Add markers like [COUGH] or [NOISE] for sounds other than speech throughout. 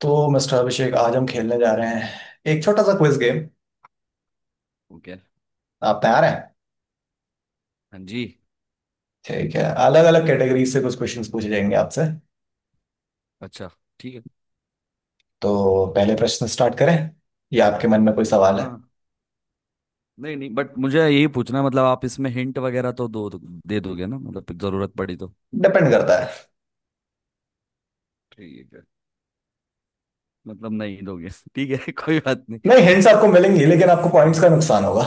तो मिस्टर अभिषेक आज हम खेलने जा रहे हैं एक छोटा सा क्विज गेम। ओके। आप तैयार हैं? हाँ जी। ठीक है, अलग अलग कैटेगरी से कुछ क्वेश्चंस पूछे जाएंगे आपसे। अच्छा। ठीक है। तो पहले प्रश्न स्टार्ट करें या आपके मन में कोई सवाल है? हाँ। नहीं नहीं बट मुझे यही पूछना है, मतलब आप इसमें हिंट वगैरह तो दो दे दोगे ना मतलब जरूरत पड़ी तो। डिपेंड करता है। ठीक है। मतलब नहीं दोगे [LAUGHS] ठीक है कोई [LAUGHS] बात नहीं, हिंट्स आपको मिलेंगी लेकिन आपको पॉइंट्स नहीं। का नुकसान होगा।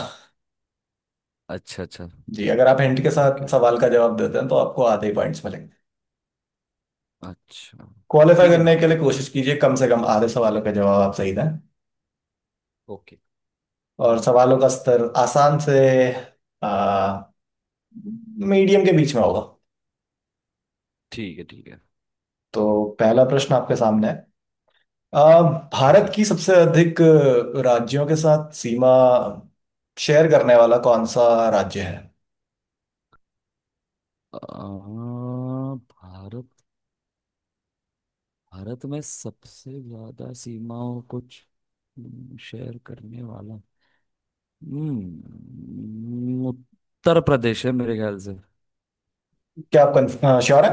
अच्छा अच्छा। जी, अगर आप हिंट के साथ ओके ओके। सवाल का जवाब देते हैं तो आपको आधे ही पॉइंट्स मिलेंगे। अच्छा। क्वालिफाई ठीक है ना करने के आप। लिए कोशिश कीजिए कम से कम आधे सवालों का जवाब आप सही दें। ओके। और सवालों का स्तर आसान से आ, मीडियम के बीच में होगा। ठीक है। ठीक है। तो पहला प्रश्न आपके सामने है। आ, जी। भारत की सबसे अधिक राज्यों के साथ सीमा शेयर करने वाला कौन सा राज्य है? आ, भारत भारत में सबसे ज्यादा सीमाओं को शेयर करने वाला उत्तर प्रदेश है मेरे ख्याल से। क्या आप श्योर है?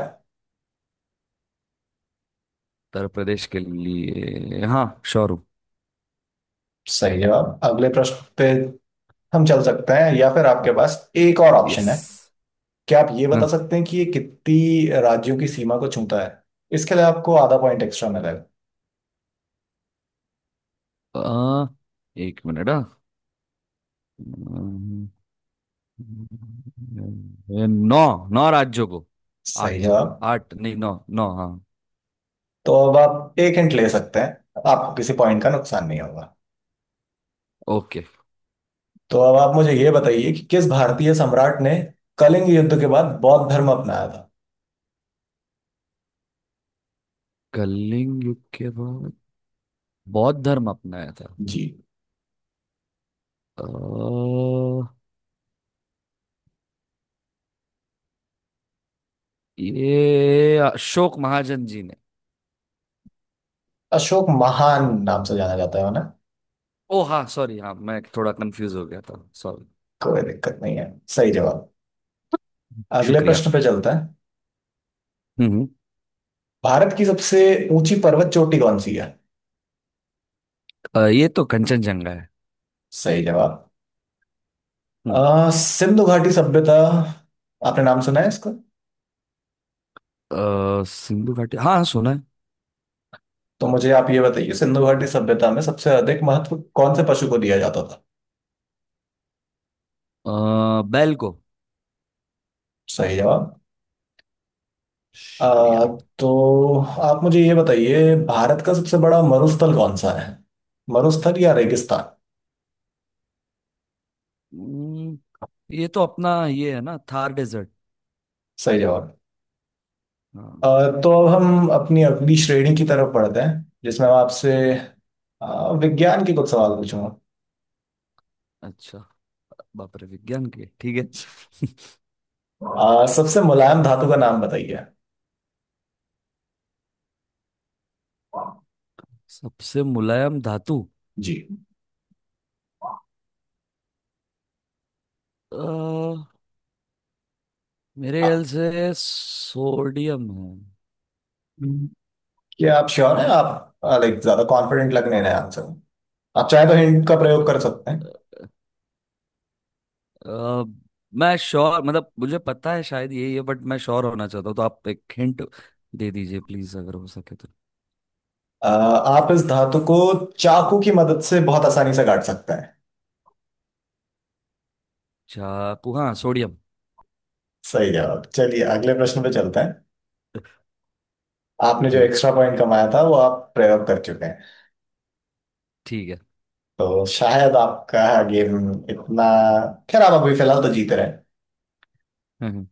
उत्तर प्रदेश के लिए हाँ श्योर हूँ। सही जवाब। अगले प्रश्न पे हम चल सकते हैं या फिर आपके पास एक और ऑप्शन यस। है। क्या आप ये बता हाँ। सकते हैं कि ये कितनी राज्यों की सीमा को छूता है? इसके लिए आपको आधा पॉइंट एक्स्ट्रा मिलेगा। आ, एक मिनट। हाँ। अम्म, नौ। नौ राज्यों को। आठ। सही जवाब। आठ नहीं नौ। नौ हाँ। तो अब आप एक हिंट ले सकते हैं, आपको किसी पॉइंट का नुकसान नहीं होगा। ओके। तो अब आप मुझे ये बताइए कि किस भारतीय सम्राट ने कलिंग युद्ध के बाद बौद्ध धर्म अपनाया था? कलिंग युग के बाद बौद्ध धर्म अपनाया था। जी, अ, ये अशोक महाजन जी ने। अशोक महान नाम से जाना जाता है ना। ओ हाँ सॉरी। हाँ मैं थोड़ा कंफ्यूज हो गया था। सॉरी। कोई दिक्कत नहीं है। सही जवाब। अगले शुक्रिया। प्रश्न पे चलता है। हम्म हम्म। भारत की सबसे ऊंची पर्वत चोटी कौन सी है? ये तो कंचनजंगा है। सही जवाब। हम्म। सिंधु घाटी सभ्यता, आपने नाम सुना है इसका? सिंधु घाटी हाँ हाँ, सुना है। तो मुझे आप ये बताइए, सिंधु घाटी सभ्यता में सबसे अधिक महत्व कौन से पशु को दिया जाता था? बैल को। सही जवाब। अ, शुक्रिया। तो आप मुझे ये बताइए, भारत का सबसे बड़ा मरुस्थल कौन सा है? मरुस्थल या रेगिस्तान। हम्म, ये तो अपना ये है ना थार डेजर्ट। सही जवाब। अ, हाँ। तो अब हम अपनी अगली श्रेणी की तरफ बढ़ते हैं जिसमें मैं आपसे विज्ञान के कुछ सवाल पूछूंगा। अच्छा। बाप रे विज्ञान के ठीक है [LAUGHS] सबसे मुलायम धातु का नाम बताइए। सबसे मुलायम धातु। जी। अ, मेरे अ, ख्याल से सोडियम है। क्या आप श्योर हैं आप? लाइक ज्यादा कॉन्फिडेंट लगने रहे आंसर में। आप चाहे तो हिंट का प्रयोग कर अ, सकते हैं। अ, मैं श्योर मतलब मुझे पता है शायद यही है बट मैं श्योर होना चाहता हूँ तो आप एक हिंट दे दीजिए प्लीज अगर हो सके तो। आप इस धातु को चाकू की मदद से बहुत आसानी से काट सकते हैं। चाकू हाँ सोडियम। सही जवाब। चलिए अगले प्रश्न पे चलते हैं। आपने जो हम्म, एक्स्ट्रा पॉइंट कमाया था वो आप प्रयोग कर चुके हैं। ठीक तो शायद आपका गेम इतना, खैर, आप अभी फिलहाल तो जीते रहे हैं। है [LAUGHS]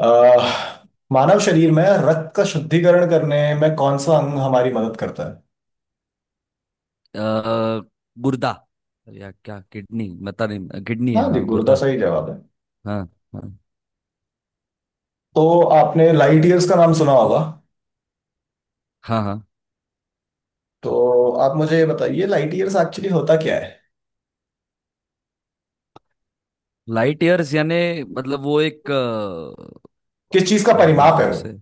अह, मानव शरीर में रक्त का शुद्धिकरण करने में कौन सा अंग हमारी मदद करता है? अ, गुर्दा या क्या किडनी बता नहीं किडनी हाँ है जी, हाँ गुर्दा गुर्दा। सही जवाब है। हाँ। हाँ। तो आपने लाइट ईयर्स का नाम सुना होगा। हाँ। हाँ। तो आप मुझे ये बताइए, लाइट ईयर्स एक्चुअली होता क्या है? लाइट ईयर्स यानी मतलब वो एक किस चीज का क्या परिमाप बोलते हैं है? उसे।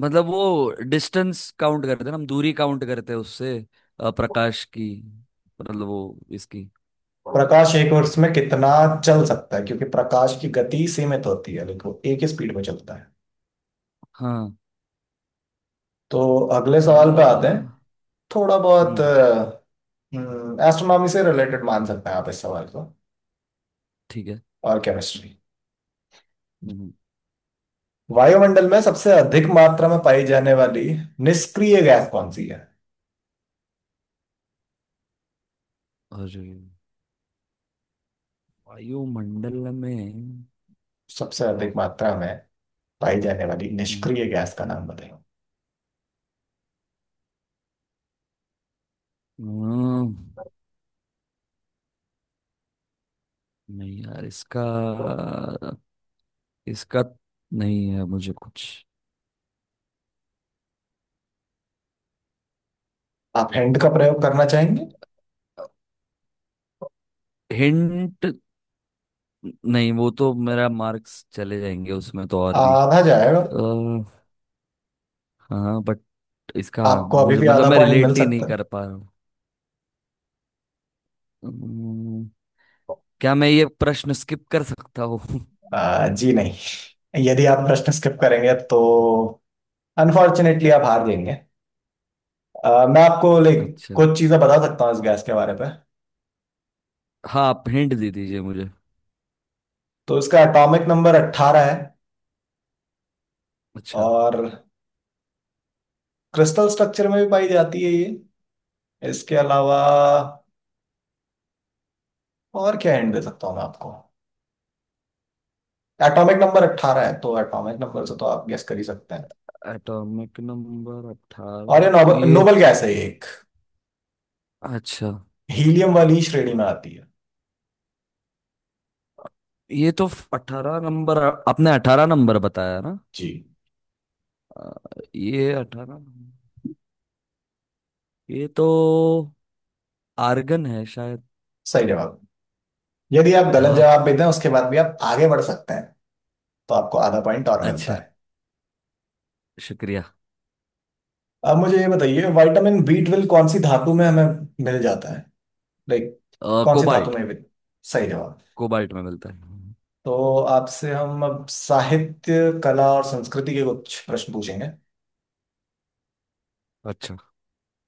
मतलब वो डिस्टेंस काउंट करते हैं ना हम दूरी काउंट करते हैं उससे। प्रकाश की मतलब वो इसकी। वो प्रकाश एक वर्ष में कितना चल सकता है, क्योंकि प्रकाश की गति सीमित होती है लेकिन वो एक ही स्पीड में चलता है। हाँ। तो अगले सवाल पे आते अ, हैं। थोड़ा बहुत हम्म, एस्ट्रोनॉमी से रिलेटेड मान सकते हैं आप इस सवाल को, ठीक है। और केमिस्ट्री। हम्म, वायुमंडल में सबसे अधिक मात्रा में पाई जाने वाली निष्क्रिय गैस कौन सी है? और वायुमंडल में। सबसे अधिक मात्रा में पाई जाने वाली हम्म। निष्क्रिय गैस का नाम बताइए। हम्म। नहीं यार इसका इसका नहीं है मुझे कुछ। आप हैंड का प्रयोग करना चाहेंगे? हिंट। नहीं वो तो मेरा मार्क्स चले जाएंगे उसमें तो और भी। आधा जाएगा। अ, हाँ बट इसका आपको अभी मुझे भी मतलब आधा मैं पॉइंट मिल रिलेट ही नहीं सकता है। कर पा रहा हूँ। अम्म, क्या मैं ये प्रश्न स्किप कर सकता हूँ। जी नहीं, यदि आप प्रश्न स्किप करेंगे तो अनफॉर्चुनेटली आप हार जाएंगे। मैं आपको लाइक अच्छा। कुछ चीजें बता सकता हूँ इस गैस के बारे में। हाँ आप हिंट दे दीजिए मुझे। तो इसका एटॉमिक नंबर 18 है, अच्छा। और क्रिस्टल स्ट्रक्चर में भी पाई जाती है ये। इसके अलावा और क्या हिंट दे सकता हूँ मैं आपको? एटॉमिक नंबर 18 है, तो एटॉमिक नंबर से तो आप गेस कर ही सकते हैं। एटॉमिक नंबर और 18 ये तो नोबल ये। नोबल गैस है ये एक, अच्छा। हीलियम वाली श्रेणी में आती है। ये तो 18 नंबर। आपने 18 नंबर बताया ना। जी, अ, ये 18 ये तो आर्गन है शायद। सही जवाब। यदि आप गलत हाँ। जवाब देते हैं उसके बाद भी आप आगे बढ़ सकते हैं, तो आपको आधा पॉइंट और मिलता अच्छा। है। शुक्रिया। अब मुझे ये बताइए, विटामिन बी ट्वेल्व कौन सी धातु में हमें मिल जाता है? लाइक कौन सी धातु कोबाल्ट। में भी-, सही जवाब। कोबाल्ट में मिलता है। तो आपसे हम अब साहित्य कला और संस्कृति के कुछ प्रश्न पूछेंगे। अच्छा।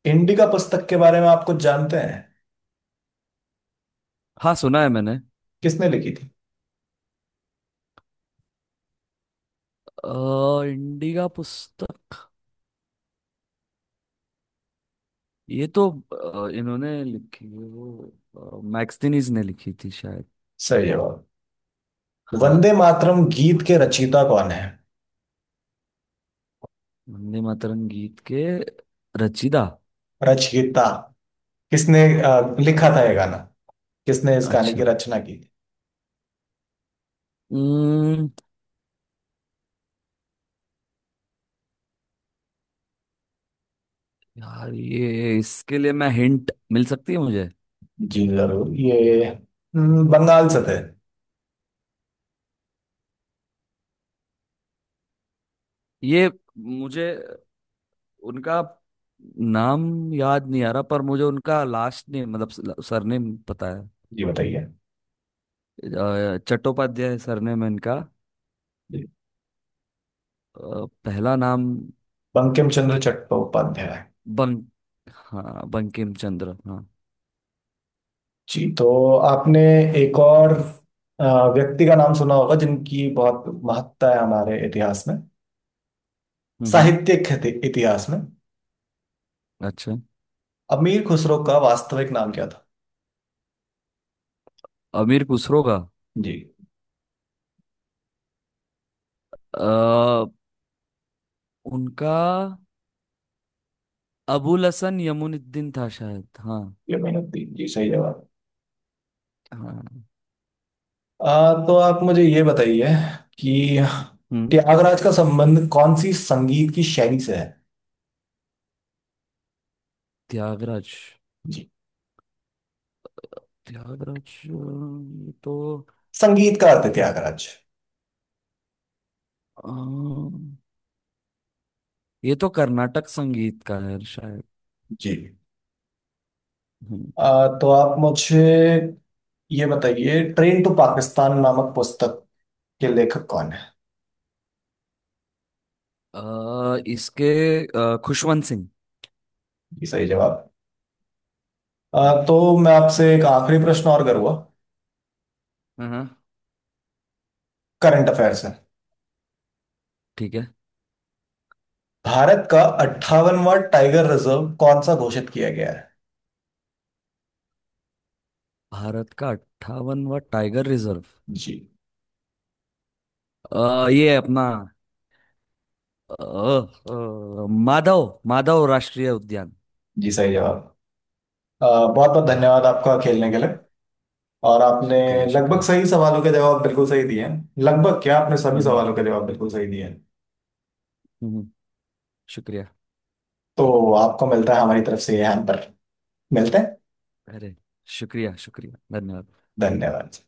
इंडिका पुस्तक के बारे में आप कुछ जानते हैं? हाँ सुना है मैंने। किसने लिखी थी? इंडिका पुस्तक ये तो इन्होंने लिखी है वो मैक्सटिनीज ने लिखी थी शायद। सही जवाब। वंदे हाँ। मातरम गीत के रचयिता कौन है? वंदे मातरम गीत के रचयिता। रचयिता, किसने लिखा अ, था ये गाना? किसने इस गाने अच्छा। की रचना की थी? हम्म, यार ये इसके लिए मैं हिंट मिल सकती है मुझे। जी जरूर। ये बंगाल से थे। ये मुझे उनका नाम याद नहीं आ रहा पर मुझे उनका लास्ट नेम मतलब सरनेम पता है। जी बताइए। चट्टोपाध्याय सरनेम है इनका। जी, पहला नाम। बंकिम चंद्र चट्टोपाध्याय। बं हाँ बंकिम चंद्र हाँ। जी, तो आपने एक और अ, व्यक्ति का नाम सुना होगा जिनकी बहुत महत्ता है हमारे इतिहास में, हम्म, साहित्यिक इतिहास में। अच्छा। अमीर खुसरो का वास्तविक नाम क्या था? अमीर खुसरो का। जी। अ, उनका अबुल हसन यमुनुद्दीन था शायद। हाँ। ये मेहनत थी जी, सही जवाब। हाँ। अ, तो आप मुझे ये बताइए कि हम्म। त्यागराज का संबंध कौन सी संगीत की शैली से है? त्यागराज। जी, त्यागराज ये तो संगीत का अर्थ है त्यागराज। अ, ये तो कर्नाटक संगीत का है शायद। जी। हम्म। तो आप मुझे ये बताइए, ट्रेन टू पाकिस्तान नामक पुस्तक के लेखक कौन है? इसके खुशवंत सिंह। जी सही जवाब। हम्म। तो मैं आपसे एक आखिरी प्रश्न और करूंगा, हम्म। करंट अफेयर से। ठीक है। भारत का 58वां टाइगर रिजर्व कौन सा घोषित किया गया है? भारत का 58वां टाइगर रिजर्व। जी। ये है अपना माधव माधव राष्ट्रीय उद्यान। जी सही जवाब। बहुत बहुत हाँ। धन्यवाद आपका खेलने के लिए। और आपने शुक्रिया। लगभग शुक्रिया। सही सवालों के जवाब बिल्कुल सही दिए हैं, लगभग क्या, आपने सभी हम्म। सवालों के जवाब बिल्कुल सही दिए हैं। हम्म। हम्म। शुक्रिया। तो आपको मिलता है हमारी तरफ से ये हैम्पर। मिलते हैं। अरे। शुक्रिया। शुक्रिया। धन्यवाद। धन्यवाद।